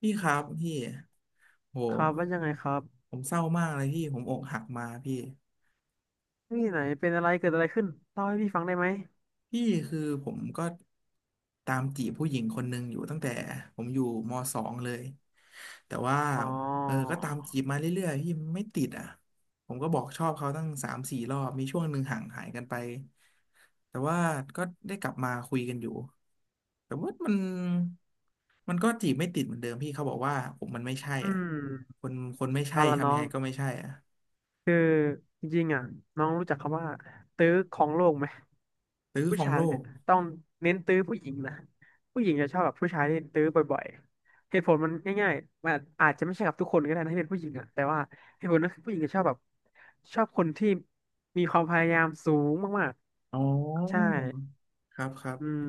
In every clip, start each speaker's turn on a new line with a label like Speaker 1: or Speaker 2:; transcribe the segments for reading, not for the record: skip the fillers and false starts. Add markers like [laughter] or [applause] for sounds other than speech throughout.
Speaker 1: พี่ครับพี่โห
Speaker 2: ครับว่ายังไงครับ
Speaker 1: ผมเศร้ามากเลยพี่ ผมอกหักมาพี่
Speaker 2: นี่ไหนเป็นอะไรเกิดอะไรขึ้นเล่าให้พี่ฟังได้ไหม
Speaker 1: พี่คือผมก็ตามจีบผู้หญิงคนหนึ่งอยู่ตั้งแต่ผมอยู่มสองเลยแต่ว่า
Speaker 2: อ๋อ
Speaker 1: ก็ตามจีบมาเรื่อยๆพี่ไม่ติดอ่ะผมก็บอกชอบเขาตั้งสามสี่รอบมีช่วงหนึ่งห่างหายกันไปแต่ว่าก็ได้กลับมาคุยกันอยู่แต่ว่ามันก็จีบไม่ติดเหมือนเดิมพี่เขาบอกว่าผมมันไม่ใช่
Speaker 2: อื
Speaker 1: อ่ะ
Speaker 2: ม
Speaker 1: คนคนไม่ใช่
Speaker 2: เอาละ
Speaker 1: ทำ
Speaker 2: น้
Speaker 1: ยั
Speaker 2: อ
Speaker 1: ง
Speaker 2: ง
Speaker 1: ไงก็ไม่ใช่อ่ะ
Speaker 2: คือจริงๆอ่ะน้องรู้จักคำว่าตื้อของโลกไหม
Speaker 1: หรือ
Speaker 2: ผู้
Speaker 1: ของ
Speaker 2: ชาย
Speaker 1: โล
Speaker 2: เนี่
Speaker 1: ก
Speaker 2: ยต้องเน้นตื้อผู้หญิงนะผู้หญิงจะชอบแบบผู้ชายที่ตื้อบ่อยๆเหตุผลมันง่ายๆมันอาจจะไม่ใช่กับทุกคนก็ได้นะที่เป็นผู้หญิงอ่ะแต่ว่าเหตุผลนั้นคือผู้หญิงจะชอบแบบชอบคนที่มีความพยายามสูงมาก
Speaker 1: อ๋
Speaker 2: ๆใช่
Speaker 1: อครับครั
Speaker 2: อื
Speaker 1: บ
Speaker 2: ม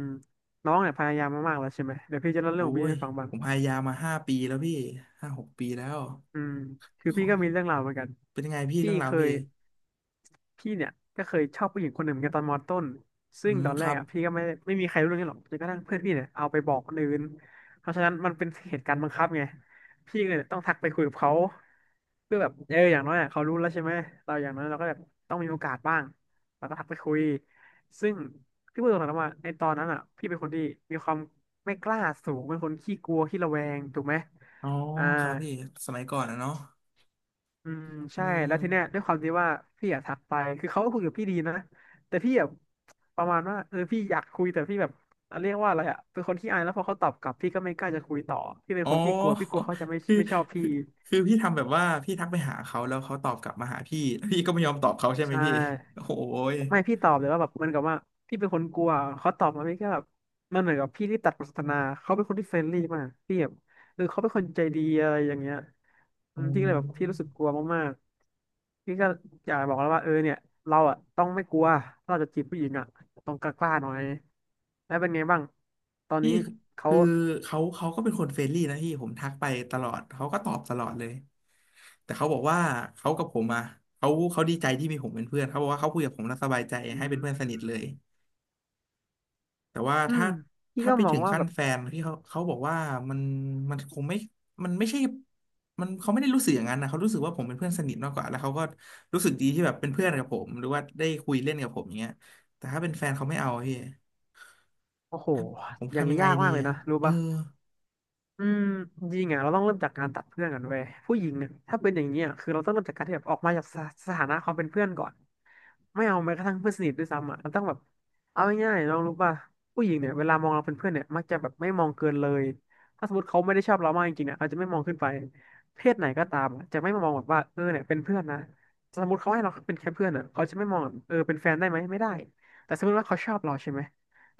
Speaker 2: น้องเนี่ยพยายามมามากแล้วใช่ไหม เดี๋ยวพี่จะเล่าเรื่อ
Speaker 1: โอ้
Speaker 2: งของพี่
Speaker 1: ย
Speaker 2: ให้ฟังบ้าง
Speaker 1: ผมพยายามมาห้าปีแล้วพี่ห้าหกปีแล้ว
Speaker 2: อืมคือ
Speaker 1: ข
Speaker 2: พี่
Speaker 1: อ
Speaker 2: ก็มีเรื่องราวเหมือนกัน
Speaker 1: เป็นยังไงพี่
Speaker 2: พี่
Speaker 1: เรื่องรา
Speaker 2: เค
Speaker 1: วพี่
Speaker 2: ยพี่เนี่ยก็เคยชอบผู้หญิงคนหนึ่งเหมือนกันตอนมอต้น
Speaker 1: อื
Speaker 2: ซึ่ง
Speaker 1: ม
Speaker 2: ตอน
Speaker 1: ค
Speaker 2: แร
Speaker 1: รั
Speaker 2: ก
Speaker 1: บ
Speaker 2: อ่ะพี่ก็ไม่มีใครรู้เรื่องนี้หรอกจนกระทั่งเพื่อนพี่เนี่ยเอาไปบอกคนอื่นเพราะฉะนั้นมันเป็นเหตุการณ์บังคับไงพี่ก็เลยต้องทักไปคุยกับเขาเพื่อแบบเอออย่างน้อยอ่ะเขารู้แล้วใช่ไหมเราอย่างน้อยเราก็แบบต้องมีโอกาสบ้างเราก็ทักไปคุยซึ่งพี่พูดตรงๆนะว่าในตอนนั้นอ่ะพี่เป็นคนที่มีความไม่กล้าสูงเป็นคนขี้กลัวขี้ระแวงถูกไหม
Speaker 1: อ๋อ
Speaker 2: อ่า
Speaker 1: ครับพี่สมัยก่อนนะเนาะ
Speaker 2: อืม
Speaker 1: อื
Speaker 2: ใช่
Speaker 1: ม
Speaker 2: แล้วทีเนี้ยด้วยความที่ว่าพี่อยากทักไปคือเขาก็คุยกับพี่ดีนะแต่พี่แบบประมาณว่าเออพี่อยากคุยแต่พี่แบบเรียกว่าอะไรอะเป็นคนที่อายแล้วพอเขาตอบกลับพี่ก็ไม่กล้าจะคุยต่อพี่เป็น
Speaker 1: อ๋
Speaker 2: ค
Speaker 1: อ
Speaker 2: นที่กลัวพี่กลัวเขาจะไม่
Speaker 1: [laughs] คือ
Speaker 2: ไม่ชอบพี่
Speaker 1: คือคือพี่ทำแบบว่าพี่ทักไปหาเขาแล้วเขาตอบกลับมาหาพี่แล้วพี่ก็ไม่ยอมตอบเขาใช่ไหม
Speaker 2: ใช่
Speaker 1: พี่โอ้ย
Speaker 2: ไม่พี่ตอบเลยว่าแบบเหมันกับว่าพี่เป็นคนกลัวเขาตอบมาพี่ก็แบบมันเหมือนกับพี่ที่ตัดบทสนทนาเขาเป็นคนที่เฟรนลี่มากพี่แบบเออเขาเป็นคนใจดีอะไรอย่างเงี้ยอื
Speaker 1: อ๋
Speaker 2: มพี่ก็เลยแบบพี่รู้สึก
Speaker 1: อ
Speaker 2: กลัวมากๆพี่ก็อยากบอกแล้วว่าเออเนี่ยเราอ่ะต้องไม่กลัวถ้าเราจะจีบผู้หญิงอ่ะต้องกล้าๆหน่อยแล้วเป็นไงบ้างตอน
Speaker 1: พี่
Speaker 2: นี้เขา
Speaker 1: คือเขาก็เป็นคนเฟรนลี่นะพี่ผมทักไปตลอดเขาก็ตอบตลอดเลยแต่เขาบอกว่าเขากับผมอ่ะเขาดีใจที่มีผมเป็นเพื่อนเขาบอกว่าเขาคุยกับผมแล้วสบายใจ
Speaker 2: อื
Speaker 1: ให้เป็นเพื่อน
Speaker 2: ม
Speaker 1: สนิทเลยแต่ว่า
Speaker 2: อื
Speaker 1: ถ้า
Speaker 2: มพี่
Speaker 1: ถ้า
Speaker 2: ก็
Speaker 1: ไป
Speaker 2: มอ
Speaker 1: ถึ
Speaker 2: ง
Speaker 1: ง
Speaker 2: ว่า
Speaker 1: ขั้
Speaker 2: แบ
Speaker 1: น
Speaker 2: บ
Speaker 1: แฟนพี่เขาบอกว่ามันมันคงไม่มันไม่ใช่มันเขาไม่ได้รู้สึกอย่างนั้นนะเขารู้สึกว่าผมเป็นเพื่อนสนิทมากกว่าแล้วเขาก็รู้สึกดีที่แบบเป็นเพื่อนกับผมหรือว่าได้คุยเล่นกับผมอย่างเงี้ยแต่ถ้าเป็นแฟนเขาไม่เอาพี่
Speaker 2: โอ้โห
Speaker 1: ผม
Speaker 2: อย่าง
Speaker 1: ทำยั
Speaker 2: นี้
Speaker 1: งไง
Speaker 2: ยาก
Speaker 1: ดี
Speaker 2: มากเลย
Speaker 1: อะ
Speaker 2: นะรู้
Speaker 1: เออ
Speaker 2: ปะ อืมจริงอ่ะเราต้องเริ่มจากการตัดเพื่อนกันเว้ยผู้หญิงเนี่ยถ้าเป็นอย่างนี้ยคือเราต้องเริ่มจากการที่แบบออกมาจากสสถานะความเป็นเพื่อนก่อนไม่เอาแม้กระทั่งเพื่อนสนิทด้วยซ้ำอ่ะเราต้องแบบเอาง่ายๆน้องรู้ป่ะผู้หญิงเนี่ยเวลามองเราเป็นเพื่อนเนี่ยมักจะแบบไม่มองเกินเลยถ้าสมมติเขาไม่ได้ชอบเรามากจริงๆเนี่ยเขาจะไม่มองขึ้นไปเพศไหนก็ตามอะจะไม่มามองแบบว่าเออเนี่ยเป็นเพื่อนนะสมมติเขาให้เราเป็นแค่เพื่อนอ่ะเขาจะไม่มองแบบเออเป็นแฟนได้ไหมไม่ได้แต่สมมติว่าเขาชอบเราใช่ไหมเ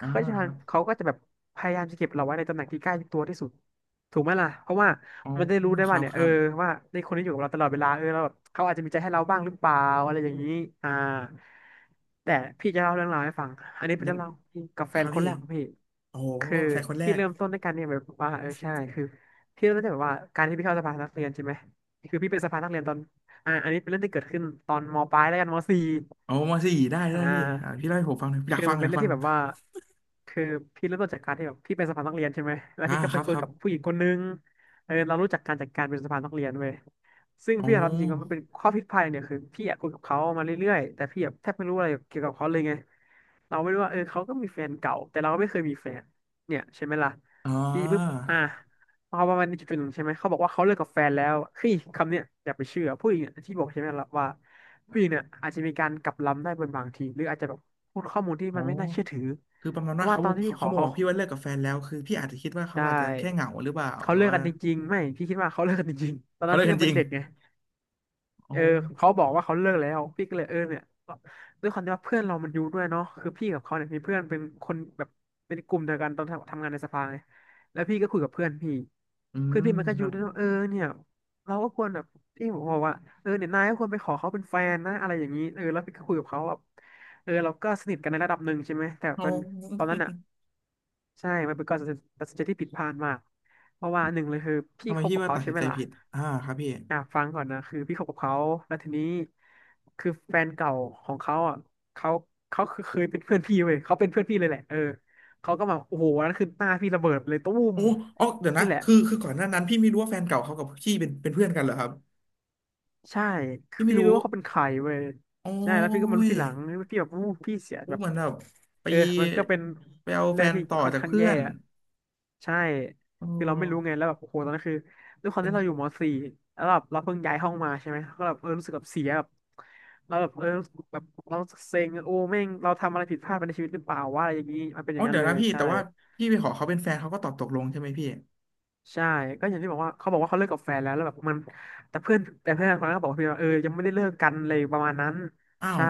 Speaker 1: อ่า
Speaker 2: ขาก็จะพยา
Speaker 1: ค
Speaker 2: ยาม
Speaker 1: รับ
Speaker 2: เขาก็จะแบบพยายามจะเก็บเราไว้ในตำแหน่งที่ใกล้ตัวที่สุด ถูกไหมล่ะเพราะว่า
Speaker 1: อ๋อ
Speaker 2: มันได้รู้ได้
Speaker 1: ค
Speaker 2: ว่า
Speaker 1: รับ
Speaker 2: เนี่ย
Speaker 1: ค
Speaker 2: เออ
Speaker 1: รับ
Speaker 2: ว่าในคนที่อยู่กับเราตลอดเวลาเออเราแบบเขาอาจจะมีใจให้เราบ้างหรือเปล่าอะไรอย่างนี้อ่าแต่พี่จะเล่าเรื่องราวให้ฟังอันนี้เป็น
Speaker 1: ยั
Speaker 2: เรื่
Speaker 1: ง
Speaker 2: องราวกับแฟ
Speaker 1: ครั
Speaker 2: น
Speaker 1: บ
Speaker 2: คน
Speaker 1: พี่
Speaker 2: แรกของพี่
Speaker 1: โอ้โห
Speaker 2: คือ
Speaker 1: แฟนคนแร
Speaker 2: พี่
Speaker 1: ก
Speaker 2: เริ่มต้นด้วยกันเนี่ยแบบว่าเออใช่คือพี่เริ่มต้นจากแบบว่าการที่พี่เข้าสภานักเรียนใช่ไหมคือพี่เป็นสภานักเรียนตอนอันนี้เป็นเรื่องที่เกิดขึ้นตอนมปลายแล้วกันมสี่
Speaker 1: โอ้มาสี่ได้
Speaker 2: อ่
Speaker 1: ได้พี่อ่า
Speaker 2: า
Speaker 1: พี่เล่าให้ผมฟังหน่อยอยา
Speaker 2: คื
Speaker 1: ก
Speaker 2: อ
Speaker 1: ฟัง
Speaker 2: มัน
Speaker 1: อ
Speaker 2: เป็น
Speaker 1: ยาก
Speaker 2: เรื่อง
Speaker 1: ฟัง
Speaker 2: ที่แบบว่าคือพี่เริ่มต้นจากการที่แบบพี่เป็นสภานักเรียนใช่ไหมแล้ว
Speaker 1: อ่า
Speaker 2: พี่ก็
Speaker 1: ค
Speaker 2: ไป
Speaker 1: รับ
Speaker 2: คุ
Speaker 1: ค
Speaker 2: ย
Speaker 1: รับ
Speaker 2: กับผู้หญิงคนนึงเออเรารู้จักการจัดการเป็นสภานักเรียนเว้ยซึ่ง
Speaker 1: โอ้
Speaker 2: พี่ยอมรับจริงว่ามันเป็นข้อผิดพลาดเนี่ยคือพี่อยากคุยกับเขามาเรื่อยๆแต่พี่แบบแทบไม่รู้อะไรเกี่ยวกับเขาเลยไงเราไม่รู้ว่าเออเขาก็มีแฟนเก่าแต่เราก็ไม่เคยมีแฟนเนี่ยใช่ไหมล่ะ
Speaker 1: อ่า
Speaker 2: พี่ปุ๊บอ่ะพอประมาณจุดๆหนึ่งใช่ไหมเขาบอกว่าเขาเลิกกับแฟนแล้วเฮ้ยคำเนี้ยอย่าไปเชื่อผู้หญิงเนี่ยที่บอกใช่ไหมล่ะว่า ผู้หญิงเนี่ยอาจจะมีการกลับล้ำได้เป็นบางทีหรืออาจจะแบบพูดข้อมูลที่
Speaker 1: โอ้
Speaker 2: มันไม่น่าเชื่อถือ
Speaker 1: คือประมาณ
Speaker 2: เพ
Speaker 1: ว่า
Speaker 2: ราะว่า
Speaker 1: เขา
Speaker 2: ตอนที่
Speaker 1: เขา
Speaker 2: พี่ข
Speaker 1: เขา
Speaker 2: อ
Speaker 1: บอก
Speaker 2: เขา
Speaker 1: พี่ว่าเลิกกับแฟนแล้วคือพี่อาจจะคิดว่าเขา
Speaker 2: ได้
Speaker 1: อาจจะแค่เหงาหรือเปล่า
Speaker 2: เขา
Speaker 1: แบบ
Speaker 2: เลิก
Speaker 1: ว่า
Speaker 2: กันจริงๆไม่พี่คิดว่าเขาเลิกกันจริงๆตอน
Speaker 1: เขา
Speaker 2: นั้น
Speaker 1: เลิก
Speaker 2: พี่
Speaker 1: กั
Speaker 2: ยั
Speaker 1: น
Speaker 2: ง
Speaker 1: จ
Speaker 2: เป็น
Speaker 1: ริง
Speaker 2: เด็กไง
Speaker 1: โอ้
Speaker 2: เออเขาบอกว่าเขาเลิกแล้วพี่ก็เลยเออเนี่ยด้วยความที่ว่าเพื่อนเรามันอยู่ด้วยเนาะคือพี่กับเขาเนี่ยมีเพื่อนเป็นคนแบบเป็นกลุ่มเดียวกันตอนทำงานในสภาไงแล้วพี่ก็คุยกับเพื่อนพี่
Speaker 1: อื
Speaker 2: เพื่อน
Speaker 1: ม
Speaker 2: พี่มันก็
Speaker 1: ค
Speaker 2: อ
Speaker 1: รั
Speaker 2: ยู่
Speaker 1: บ
Speaker 2: ด้วยว่าเออเนี่ยเราก็ควรแบบพี่ผมบอกว่าเออเนี่ยนายก็ควรไปขอเขาเป็นแฟนนะอะไรอย่างนี้เออแล้วพี่ก็คุยกับเขาแบบเออเราก็สนิทกันในระดับหนึ่งใช่ไหมแต่
Speaker 1: โอ
Speaker 2: เป็นตอน
Speaker 1: ้
Speaker 2: นั้นอ่ะ ใช่ มันเป็นการตัดสินใจที่ผิดพลาดมาก เพราะว่าหนึ่งเลยคือพี่
Speaker 1: ทำไม
Speaker 2: คบ
Speaker 1: พี่
Speaker 2: กับ
Speaker 1: ว่า
Speaker 2: เขา
Speaker 1: ตัด
Speaker 2: ใช่
Speaker 1: สิน
Speaker 2: ไหม
Speaker 1: ใจ
Speaker 2: ล่ะ
Speaker 1: ผิดอ่าครับพี่
Speaker 2: อ่ะ ฟังก่อนนะคือพี่คบกับเขา แล้วทีนี้คือแฟนเก่าของเขาอ่ะเขาเขาคือเคยเป็นเพื่อนพี่เว้ยเขาเป็นเพื่อนพี่เลยแหละเออเขาก็มาโอ้โหวันนั้นคือหน้าพี่ระเบิดไปเลยตุ้ม
Speaker 1: โอ้อ๋อเดี๋ยวนะ
Speaker 2: นี่แหละ
Speaker 1: คือก่อนหน้านั้นพี่ไม่รู้ว่าแฟนเก่าเขากับพี่เป็นเพื่อนกันเหรอครับ
Speaker 2: ใช่
Speaker 1: พี่ไม่
Speaker 2: พี่ไม่
Speaker 1: รู้
Speaker 2: รู้ว่าเขาเป็นใครเว้ย
Speaker 1: โอ้
Speaker 2: ใช่แล้วพี่ก็มารู้
Speaker 1: ย
Speaker 2: ทีหลังพี่แบบอู้พี่เสีย
Speaker 1: อู้
Speaker 2: แบบ
Speaker 1: เหมือนแบบไป
Speaker 2: เออมันก็เป็น
Speaker 1: ไปเอาแฟ
Speaker 2: เรื่อง
Speaker 1: น
Speaker 2: ที่
Speaker 1: ต่อ
Speaker 2: ค่อน
Speaker 1: จาก
Speaker 2: ข้าง
Speaker 1: เพื่อ
Speaker 2: แย่
Speaker 1: น
Speaker 2: อะใช่
Speaker 1: โอ
Speaker 2: คือเราไม่รู้ไง
Speaker 1: ้
Speaker 2: แล้วแบบโอ้โหตอนนั้นคือด้วยความ
Speaker 1: เป็น
Speaker 2: ที่เราอยู่มสี่แล้วแบบเราเพิ่งย้ายห้องมาใช่ไหมก็แบบเออรู้สึกแบบเสียแบบเราแบบเออรู้สึกแบบเราเซ็งโอ้แม่งเราทำอะไรผิดพลาดไปในชีวิตหรือเปล่าว่าอะไรอย่างนี้มันเป็นอ
Speaker 1: อ๋อ
Speaker 2: ย่างนั้
Speaker 1: เดี๋
Speaker 2: น
Speaker 1: ยว
Speaker 2: เล
Speaker 1: นะ
Speaker 2: ย
Speaker 1: พี่
Speaker 2: ใช่
Speaker 1: แต่ว่าพี่ไปขอเขาเป็นแฟนเขาก็ตอบตกลงใช่ไหมพี่
Speaker 2: ใช่ก็อย่างที่บอกว่าเขาบอกว่าเขาเลิกกับแฟนแล้วแล้วแบบมันแต่เพื่อนคนนั้นก็บอกว่าเพื่อนว่าเออยังไม่ได้เลิกกันเลยประมาณนั้น
Speaker 1: อ้าว
Speaker 2: ใช่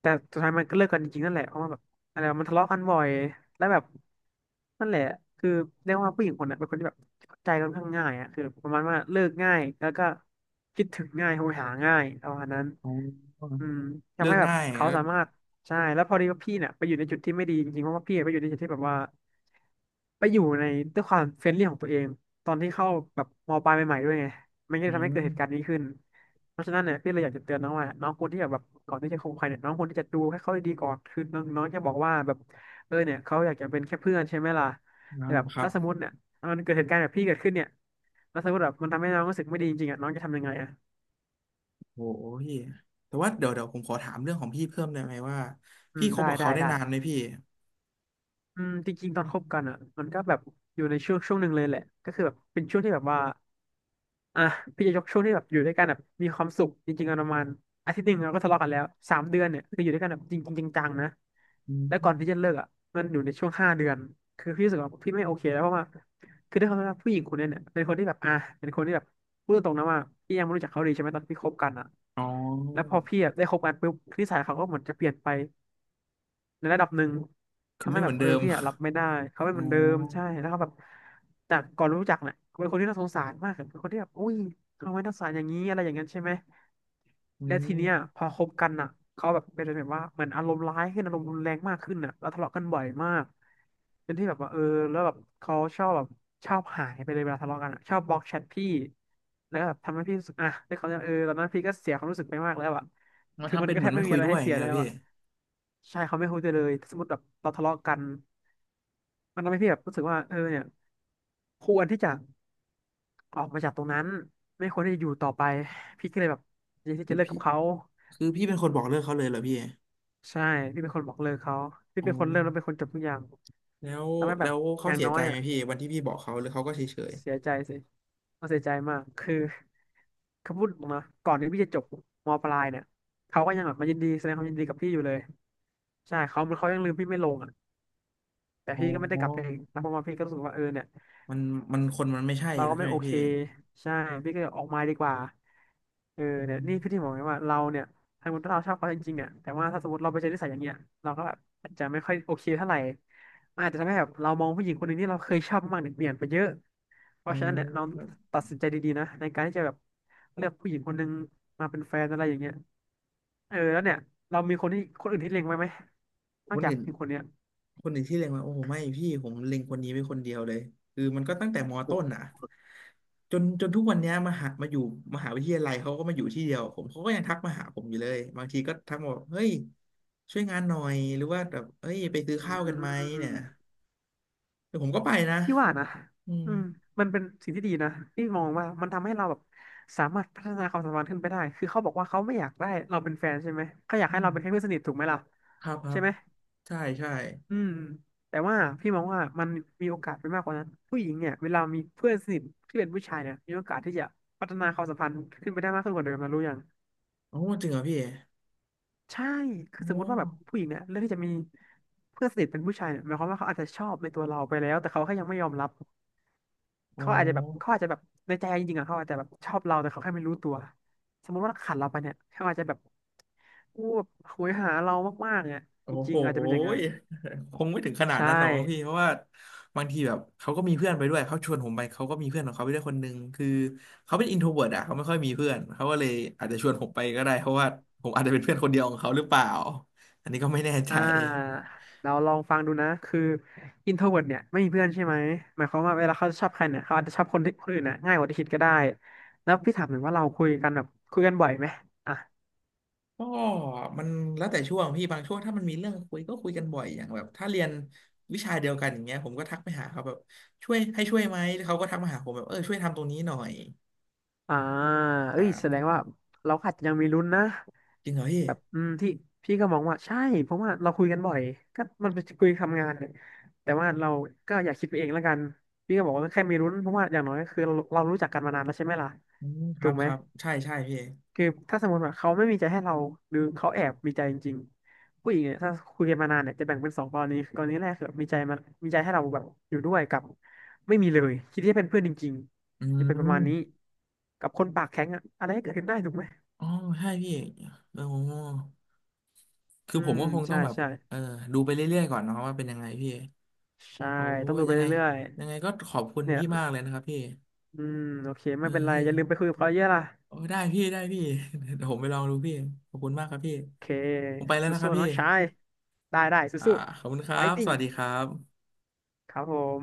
Speaker 2: แต่สุดท้ายมันก็เลิกกันจริงๆนั่นแหละเพราะว่าแบบอะไรวะมันทะเลาะกันบ่อยแล้วแบบนั่นแหละคือเรียกว่าผู้หญิงคนนั้นเป็นคนที่แบบเข้าใจค่อนข้างง่ายอ่ะคือประมาณว่าเลิกง่ายแล้วก็คิดถึงง่ายโหยหาง่ายประมาณนั้น
Speaker 1: อ๋อ
Speaker 2: อืม
Speaker 1: เลิ
Speaker 2: ทำให้
Speaker 1: ก
Speaker 2: แบบ
Speaker 1: ง่าย
Speaker 2: เขาสามารถ ใช่แล้วพอดีว่าพี่เนี่ยไปอยู่ในจุดที่ไม่ดีจริงๆเพราะว่าพี่ไปอยู่ในจุดที่แบบว่าไปอยู่ในด้วยความเฟรนลี่ของตัวเองตอนที่เข้าแบบมปลายใหม่ๆด้วยไงมันก็เล
Speaker 1: อื
Speaker 2: ยทำให้เกิ
Speaker 1: ม
Speaker 2: ดเหตุการณ์นี้ขึ้นเพราะฉะนั้นเนี่ยพี่เลยอยากจะเตือนน้องว่าน้องควรที่จะแบบก่อนที่จะคบใครเนี่ยน้องควรที่จะดูให้เขาดีๆก่อนคือน้องน้องจะบอกว่าแบบเออเนี่ยเขาอยากจะเป็นแค่เพื่อนใช่ไหมล่ะแต่
Speaker 1: นะ
Speaker 2: แบบ
Speaker 1: ครั
Speaker 2: ถ้า
Speaker 1: บ
Speaker 2: สมมติเนี่ยมันเกิดเหตุการณ์แบบพี่เกิดขึ้นเนี่ยแล้วสมมติแบบมันทำให้น้องรู้สึกไม่ดีจริงๆอ่ะน้องจะทำยังไงอ่ะ
Speaker 1: โอ้โหพี่แต่ว่าเดี๋ยวผมขอถามเรื่องของพี่เพิ่มได้ไหมว่า
Speaker 2: อื
Speaker 1: พี่
Speaker 2: ม
Speaker 1: คบ
Speaker 2: ได้
Speaker 1: กับ
Speaker 2: ได้
Speaker 1: เขาได้
Speaker 2: ได้
Speaker 1: นานไหมพี่
Speaker 2: อืมจริงๆตอนคบกันอ่ะมันก็แบบอยู่ในช่วงหนึ่งเลยแหละก็คือแบบเป็นช่วงที่แบบว่าอ่ะพี่จะยกช่วงที่แบบอยู่ด้วยกันแบบมีความสุขจริงๆอะประมาณอาทิตย์หนึ่งเราก็ทะเลาะกันแล้ว3 เดือนเนี่ยคืออยู่ด้วยกันแบบจริงๆจังๆนะ
Speaker 1: อื
Speaker 2: แล้วก่อนที่จะ
Speaker 1: ม
Speaker 2: เลิกอ่ะมันอยู่ในช่วง5 เดือนคือพี่รู้สึกว่าพี่ไม่โอเคแล้วเพราะว่าคือด้วยความที่ว่าผู้หญิงคนเนี้ยเนี่ยเป็นคนที่แบบอ่ะเป็นคนที่แบบพูดตรงๆนะว่าพี่ยังไม่รู้จักเขาดีใช่ไหมตอนที่คบกันอ่ะ
Speaker 1: อ๋
Speaker 2: แล้ว
Speaker 1: อ
Speaker 2: พอพี่อะได้คบกันปุ๊บนิสัยเขาก็เหมือนจะเปลี่ยนไป ในระดับหนึ่ง
Speaker 1: คือ
Speaker 2: ทำให้
Speaker 1: ไม่เห
Speaker 2: แบ
Speaker 1: มื
Speaker 2: บ
Speaker 1: อน
Speaker 2: เออ
Speaker 1: เดิม
Speaker 2: พี่อะรับไม่ได้เขาเป็น
Speaker 1: อ๋อ
Speaker 2: เหมือนเดิมใช่แล้วเขาแบบจากก่อนรู้จักเนี่ยเป็นคนที่น่าสงสารมากอะเป็นคนที่แบบอุ้ยทำไมน่าสงสารอย่างนี้อะไรอย่างนั้นใช่ไหม
Speaker 1: อื
Speaker 2: และทีเนี้ย
Speaker 1: ม
Speaker 2: พอคบกันอ่ะเขาแบบเป็นแบบว่าเหมือนอารมณ์ร้ายขึ้นอารมณ์รุนแรงมากขึ้นอ่ะแล้วทะเลาะกันบ่อยมากเป็นที่แบบว่าเออแล้วแบบเขาชอบแบบชอบหายไปเลยเวลาทะเลาะกันอะชอบบล็อกแชทพี่แล้วก็แบบทำให้พี่รู้สึกอ่ะแล้วเขาจะเออตอนนั้นพี่ก็เสียความรู้สึกไปมากแล้วอ่ะ
Speaker 1: มา
Speaker 2: คือ
Speaker 1: ทำ
Speaker 2: มัน
Speaker 1: เป็น
Speaker 2: ก็
Speaker 1: เห
Speaker 2: แท
Speaker 1: มือ
Speaker 2: บ
Speaker 1: นไม่
Speaker 2: ไม่มี
Speaker 1: คุย
Speaker 2: อะไร
Speaker 1: ด้วย
Speaker 2: ให้
Speaker 1: อย่าง
Speaker 2: เสีย
Speaker 1: เงี้ยเห
Speaker 2: แล้
Speaker 1: รอ
Speaker 2: ว
Speaker 1: พี่
Speaker 2: อ่ะ ใช่เขาไม่คุยด้วยเลยสมมติแบบเราทะเลาะกันมันทำให้พี่แบบรู้สึกว่าเออเนี่ยควรที่จะออกมาจากตรงนั้นไม่ควรที่จะอยู่ต่อไปพี่ก็เลยแบบอยากที่
Speaker 1: แต่
Speaker 2: จะเลิก
Speaker 1: พี่
Speaker 2: กับเขา
Speaker 1: คือพี่เป็นคนบอกเลิกเขาเลยเหรอพี่
Speaker 2: ใช่พี่เป็นคนบอกเลิกเขาพี่เป็
Speaker 1: โอ้
Speaker 2: นคนเริ่มแล้วเป็นคนจบทุกอย่าง
Speaker 1: แล้ว
Speaker 2: ทำให้แบ
Speaker 1: แล้
Speaker 2: บ
Speaker 1: ว
Speaker 2: อ
Speaker 1: เขา
Speaker 2: ย่าง
Speaker 1: เสีย
Speaker 2: น้อ
Speaker 1: ใจ
Speaker 2: ย
Speaker 1: ไหม
Speaker 2: อ่ะ
Speaker 1: พี่วันที่พี่บอกเขาหรือเขาก็เฉยเฉย
Speaker 2: เสียใจสิเราเสียใจมากคือเขาพูดออกมาก่อนที่พี่จะจบมปลายเนี่ยเขาก็ยังแบบมายินดีแสดงความยินดีกับพี่อยู่เลยใช่เขาเหมือนเขายังลืมพี่ไม่ลงอ่ะแต่
Speaker 1: อ๋อ
Speaker 2: พี่ก็ไม่ได้กลับไปเองนะเพราะว่าพี่ก็รู้สึกว่าเออเนี่ย
Speaker 1: มันมันคนมันไม่ใช่
Speaker 2: เรา
Speaker 1: แล้ว
Speaker 2: ก็
Speaker 1: ใช่
Speaker 2: ไม่
Speaker 1: ไหม
Speaker 2: โอเค
Speaker 1: พี่
Speaker 2: ใช่พี่ก็ออกมาดีกว่าเออ
Speaker 1: อื
Speaker 2: เนี่ยนี่คือที่
Speaker 1: ม
Speaker 2: บอกไงว่าเราเนี่ยถ้าสมมติเราชอบเขาจริงๆเนี่ยแต่ว่าถ้าสมมติเราไปเจอนิสัยอย่างเงี้ยเราก็แบบอาจจะไม่ค่อยโอเคเท่าไหร่มันอาจจะทำให้แบบเรามองผู้หญิงคนหนึ่งที่เราเคยชอบมากๆเนี่ยเปลี่ยนไปเยอะเพ
Speaker 1: โอ้
Speaker 2: ราะฉะนั้นเนี่ยเรา
Speaker 1: ครับ
Speaker 2: ตัดสินใจดีๆนะในการที่จะแบบเลือกผู้หญิงคนหนึ่งมาเป็นแฟนอะไรอย่างเงี้ยเออแล้วเนี่ยเรามีคนที่คนอื่นที่เล็งไว้ไหมน
Speaker 1: ค
Speaker 2: อก
Speaker 1: น
Speaker 2: จาก
Speaker 1: อื่น
Speaker 2: ผู้หญิงคนเนี้ย
Speaker 1: ที่เล็งมาโอ้โหไม่พี่ผมเล็งคนนี้ไว้คนเดียวเลยคือมันก็ตั้งแต่ม
Speaker 2: โอ
Speaker 1: ต้น
Speaker 2: ้
Speaker 1: อ่ะจนทุกวันเนี้ยมาหามาอยู่มหาวิทยาลัยเขาก็มาอยู่ที่เดียวผมเขาก็ยังทักมาหาผมอยู่เลยบางทีก็ทักมาบอกเฮ้ยช่วยงานหน่อยหรือว่าแบบเอ้ยไปซื้อ
Speaker 2: อื
Speaker 1: ข้าวกันไหมเนี่ย
Speaker 2: ม
Speaker 1: เดี๋ยวผมก็ไปนะ
Speaker 2: พี่ว่านะ
Speaker 1: อืม
Speaker 2: อืมมันเป็นสิ่งที่ดีนะ พี่มองว่ามันทำให้เราแบบสามารถพัฒนาความสัมพันธ์ขึ้นไปได้ คือเขาบอกว่าเขาไม่อยากได้เราเป็นแฟนใช่ไหม เขาอยากให้เราเป็นแค่เพื่อนสนิทถูกไหมล่ะ
Speaker 1: ครับครั
Speaker 2: ใช่
Speaker 1: บ
Speaker 2: ไหม
Speaker 1: ใช่ใช่
Speaker 2: อืมแต่ว่าพี่มองว่ามันมีโอกาสไปมากกว่านั้นผู้หญิงเนี่ยเวลามีเพื่อนสนิทที่เป็นผู้ชายเนี่ยมีโอกาสที่จะพัฒนาความสัมพันธ์ขึ้นไปได้มากขึ้นกว่าเดิมนะรู้ยัง
Speaker 1: โอ้จริงเหรอพี่
Speaker 2: ใช่
Speaker 1: โอ
Speaker 2: คือสมมติว่าแบบ
Speaker 1: ้
Speaker 2: ผู้หญิงเนี่ยเลือกที่จะมีเพื่อนสนิทเป็นผู้ชายเนี่ยหมายความว่าเขาอาจจะชอบในตัวเราไปแล้วแต่เขาแค่ยังไม่ยอมรับ
Speaker 1: โอ้
Speaker 2: เขาอาจจะแบบเขาอาจจะแบบในใจจริงๆอะเขาอาจจะแบบชอบเราแต่เขาแค่ไม่รู้ตัวสมมติว่าขาดเราไปเนี่ยเขาอาจจะแบบอู้แบบโหยหาเรามากๆเนี่ย
Speaker 1: โอ้
Speaker 2: จริ
Speaker 1: โห
Speaker 2: งๆอาจจะเป็นอย่างนั้
Speaker 1: ย
Speaker 2: น
Speaker 1: คงไม่ถึงขนาด
Speaker 2: ใช่
Speaker 1: นั้นหรอกมั้งพี่เพราะว่าบางทีแบบเขาก็มีเพื่อนไปด้วยเขาชวนผมไปเขาก็มีเพื่อนของเขาไปด้วยคนนึงคือเขาเป็นอินโทรเวิร์ตอะเขาไม่ค่อยมีเพื่อนเขาก็เลยอาจจะชวนผมไปก็ได้เพราะว่าผมอาจจะเป็นเพื่อนคนเดียวของเขาหรือเปล่าอันนี้ก็ไม่แน่ใจ
Speaker 2: อ่าเราลองฟังดูนะคืออินโทรเวิร์เนี่ยไม่มีเพื่อนใช่ไหมหมายความว่าเวลาเขาชอบใครเนี่ยเขาอาจจะชอบคนที่คนอื่นนะง่ายกว่าที่คิดก็ได้แล้วพี่ถามหน่อยว่าเราคุยกันแบบคุยกันบ่อยไหมอ่ะ
Speaker 1: ก็มันแล้วแต่ช่วงพี่บางช่วงถ้ามันมีเรื่องคุยก็คุยกันบ่อยอย่างแบบถ้าเรียนวิชาเดียวกันอย่างเงี้ยผมก็ทักไปหาเขาแบบช่วยให้ช่วยไหมแล้วเขาก็ทักมาหาผมแบบช่วยทำตรงนี้หน่อย
Speaker 2: อ่าเอ้ยแสดง
Speaker 1: อ่า
Speaker 2: ว่าเราอาจจะยังมีลุ้นนะ
Speaker 1: จริงเหรอพี่
Speaker 2: แบบอืมที่พี่ก็มองว่าใช่เพราะว่าเราคุยกันบ่อยก็มันเป็นคุยทำงานเนี่ยแต่ว่าเราก็อยากคิดไปเองแล้วกันพี่ก็บอกว่าแค่มีรุ้นเพราะว่าอย่างน้อยก็คือเราเรารู้จักกันมานานแล้วใช่ไหมล่ะ
Speaker 1: อืมค
Speaker 2: ถู
Speaker 1: รั
Speaker 2: ก
Speaker 1: บ
Speaker 2: ไห
Speaker 1: ค
Speaker 2: ม
Speaker 1: รับใช่ใช่พี่
Speaker 2: คือถ้าสมมติว่าเขาไม่มีใจให้เราหรือเขาแอบมีใจจริงๆผู้หญิงเนี่ยถ้าคุยกันมานานเนี่ยจะแบ่งเป็นสองกรณีกรณีแรกคือมีใจมันมีใจให้เราแบบอยู่ด้วยกับไม่มีเลยคิดที่จะเป็นเพื่อนจริง
Speaker 1: อื
Speaker 2: ๆจะเป็นประมาณนี้
Speaker 1: ม
Speaker 2: กับคนปากแข็งอะอะไรก็เกิดขึ้นได้ถูกไหม
Speaker 1: อ๋อใช่พี่โอ้คือ
Speaker 2: อื
Speaker 1: ผม
Speaker 2: ม
Speaker 1: ก็คงต้อ
Speaker 2: ใช่
Speaker 1: งแบบ
Speaker 2: ใช่
Speaker 1: เออดูไปเรื่อยๆก่อนเนาะว่าเป็นยังไงพี่
Speaker 2: ใช่
Speaker 1: โอ้
Speaker 2: ต้องดูไป
Speaker 1: ยังไง
Speaker 2: เรื่อย
Speaker 1: ยังไงก็ขอบคุณ
Speaker 2: ๆเนี่ย
Speaker 1: พี่มากเลยนะครับพี่
Speaker 2: อืมโอเคไม่เป็นไร
Speaker 1: พี่
Speaker 2: อย่าลืมไปคุยกับเขาเยอะล่ะ
Speaker 1: โอ้ได้พี่ได้พี่ [laughs] เดี๋ยวผมไปลองดูพี่ขอบคุณมากครับพี่
Speaker 2: โอเค
Speaker 1: ผมไปแล้วนะครั
Speaker 2: สู้
Speaker 1: บ
Speaker 2: ๆน้
Speaker 1: พี่
Speaker 2: องชายได้ได้
Speaker 1: อ่า
Speaker 2: สู้
Speaker 1: ขอบคุณค
Speaker 2: ๆไฟ
Speaker 1: รับ
Speaker 2: ติ
Speaker 1: ส
Speaker 2: t
Speaker 1: วัสดี
Speaker 2: i
Speaker 1: ครับ
Speaker 2: ครับผม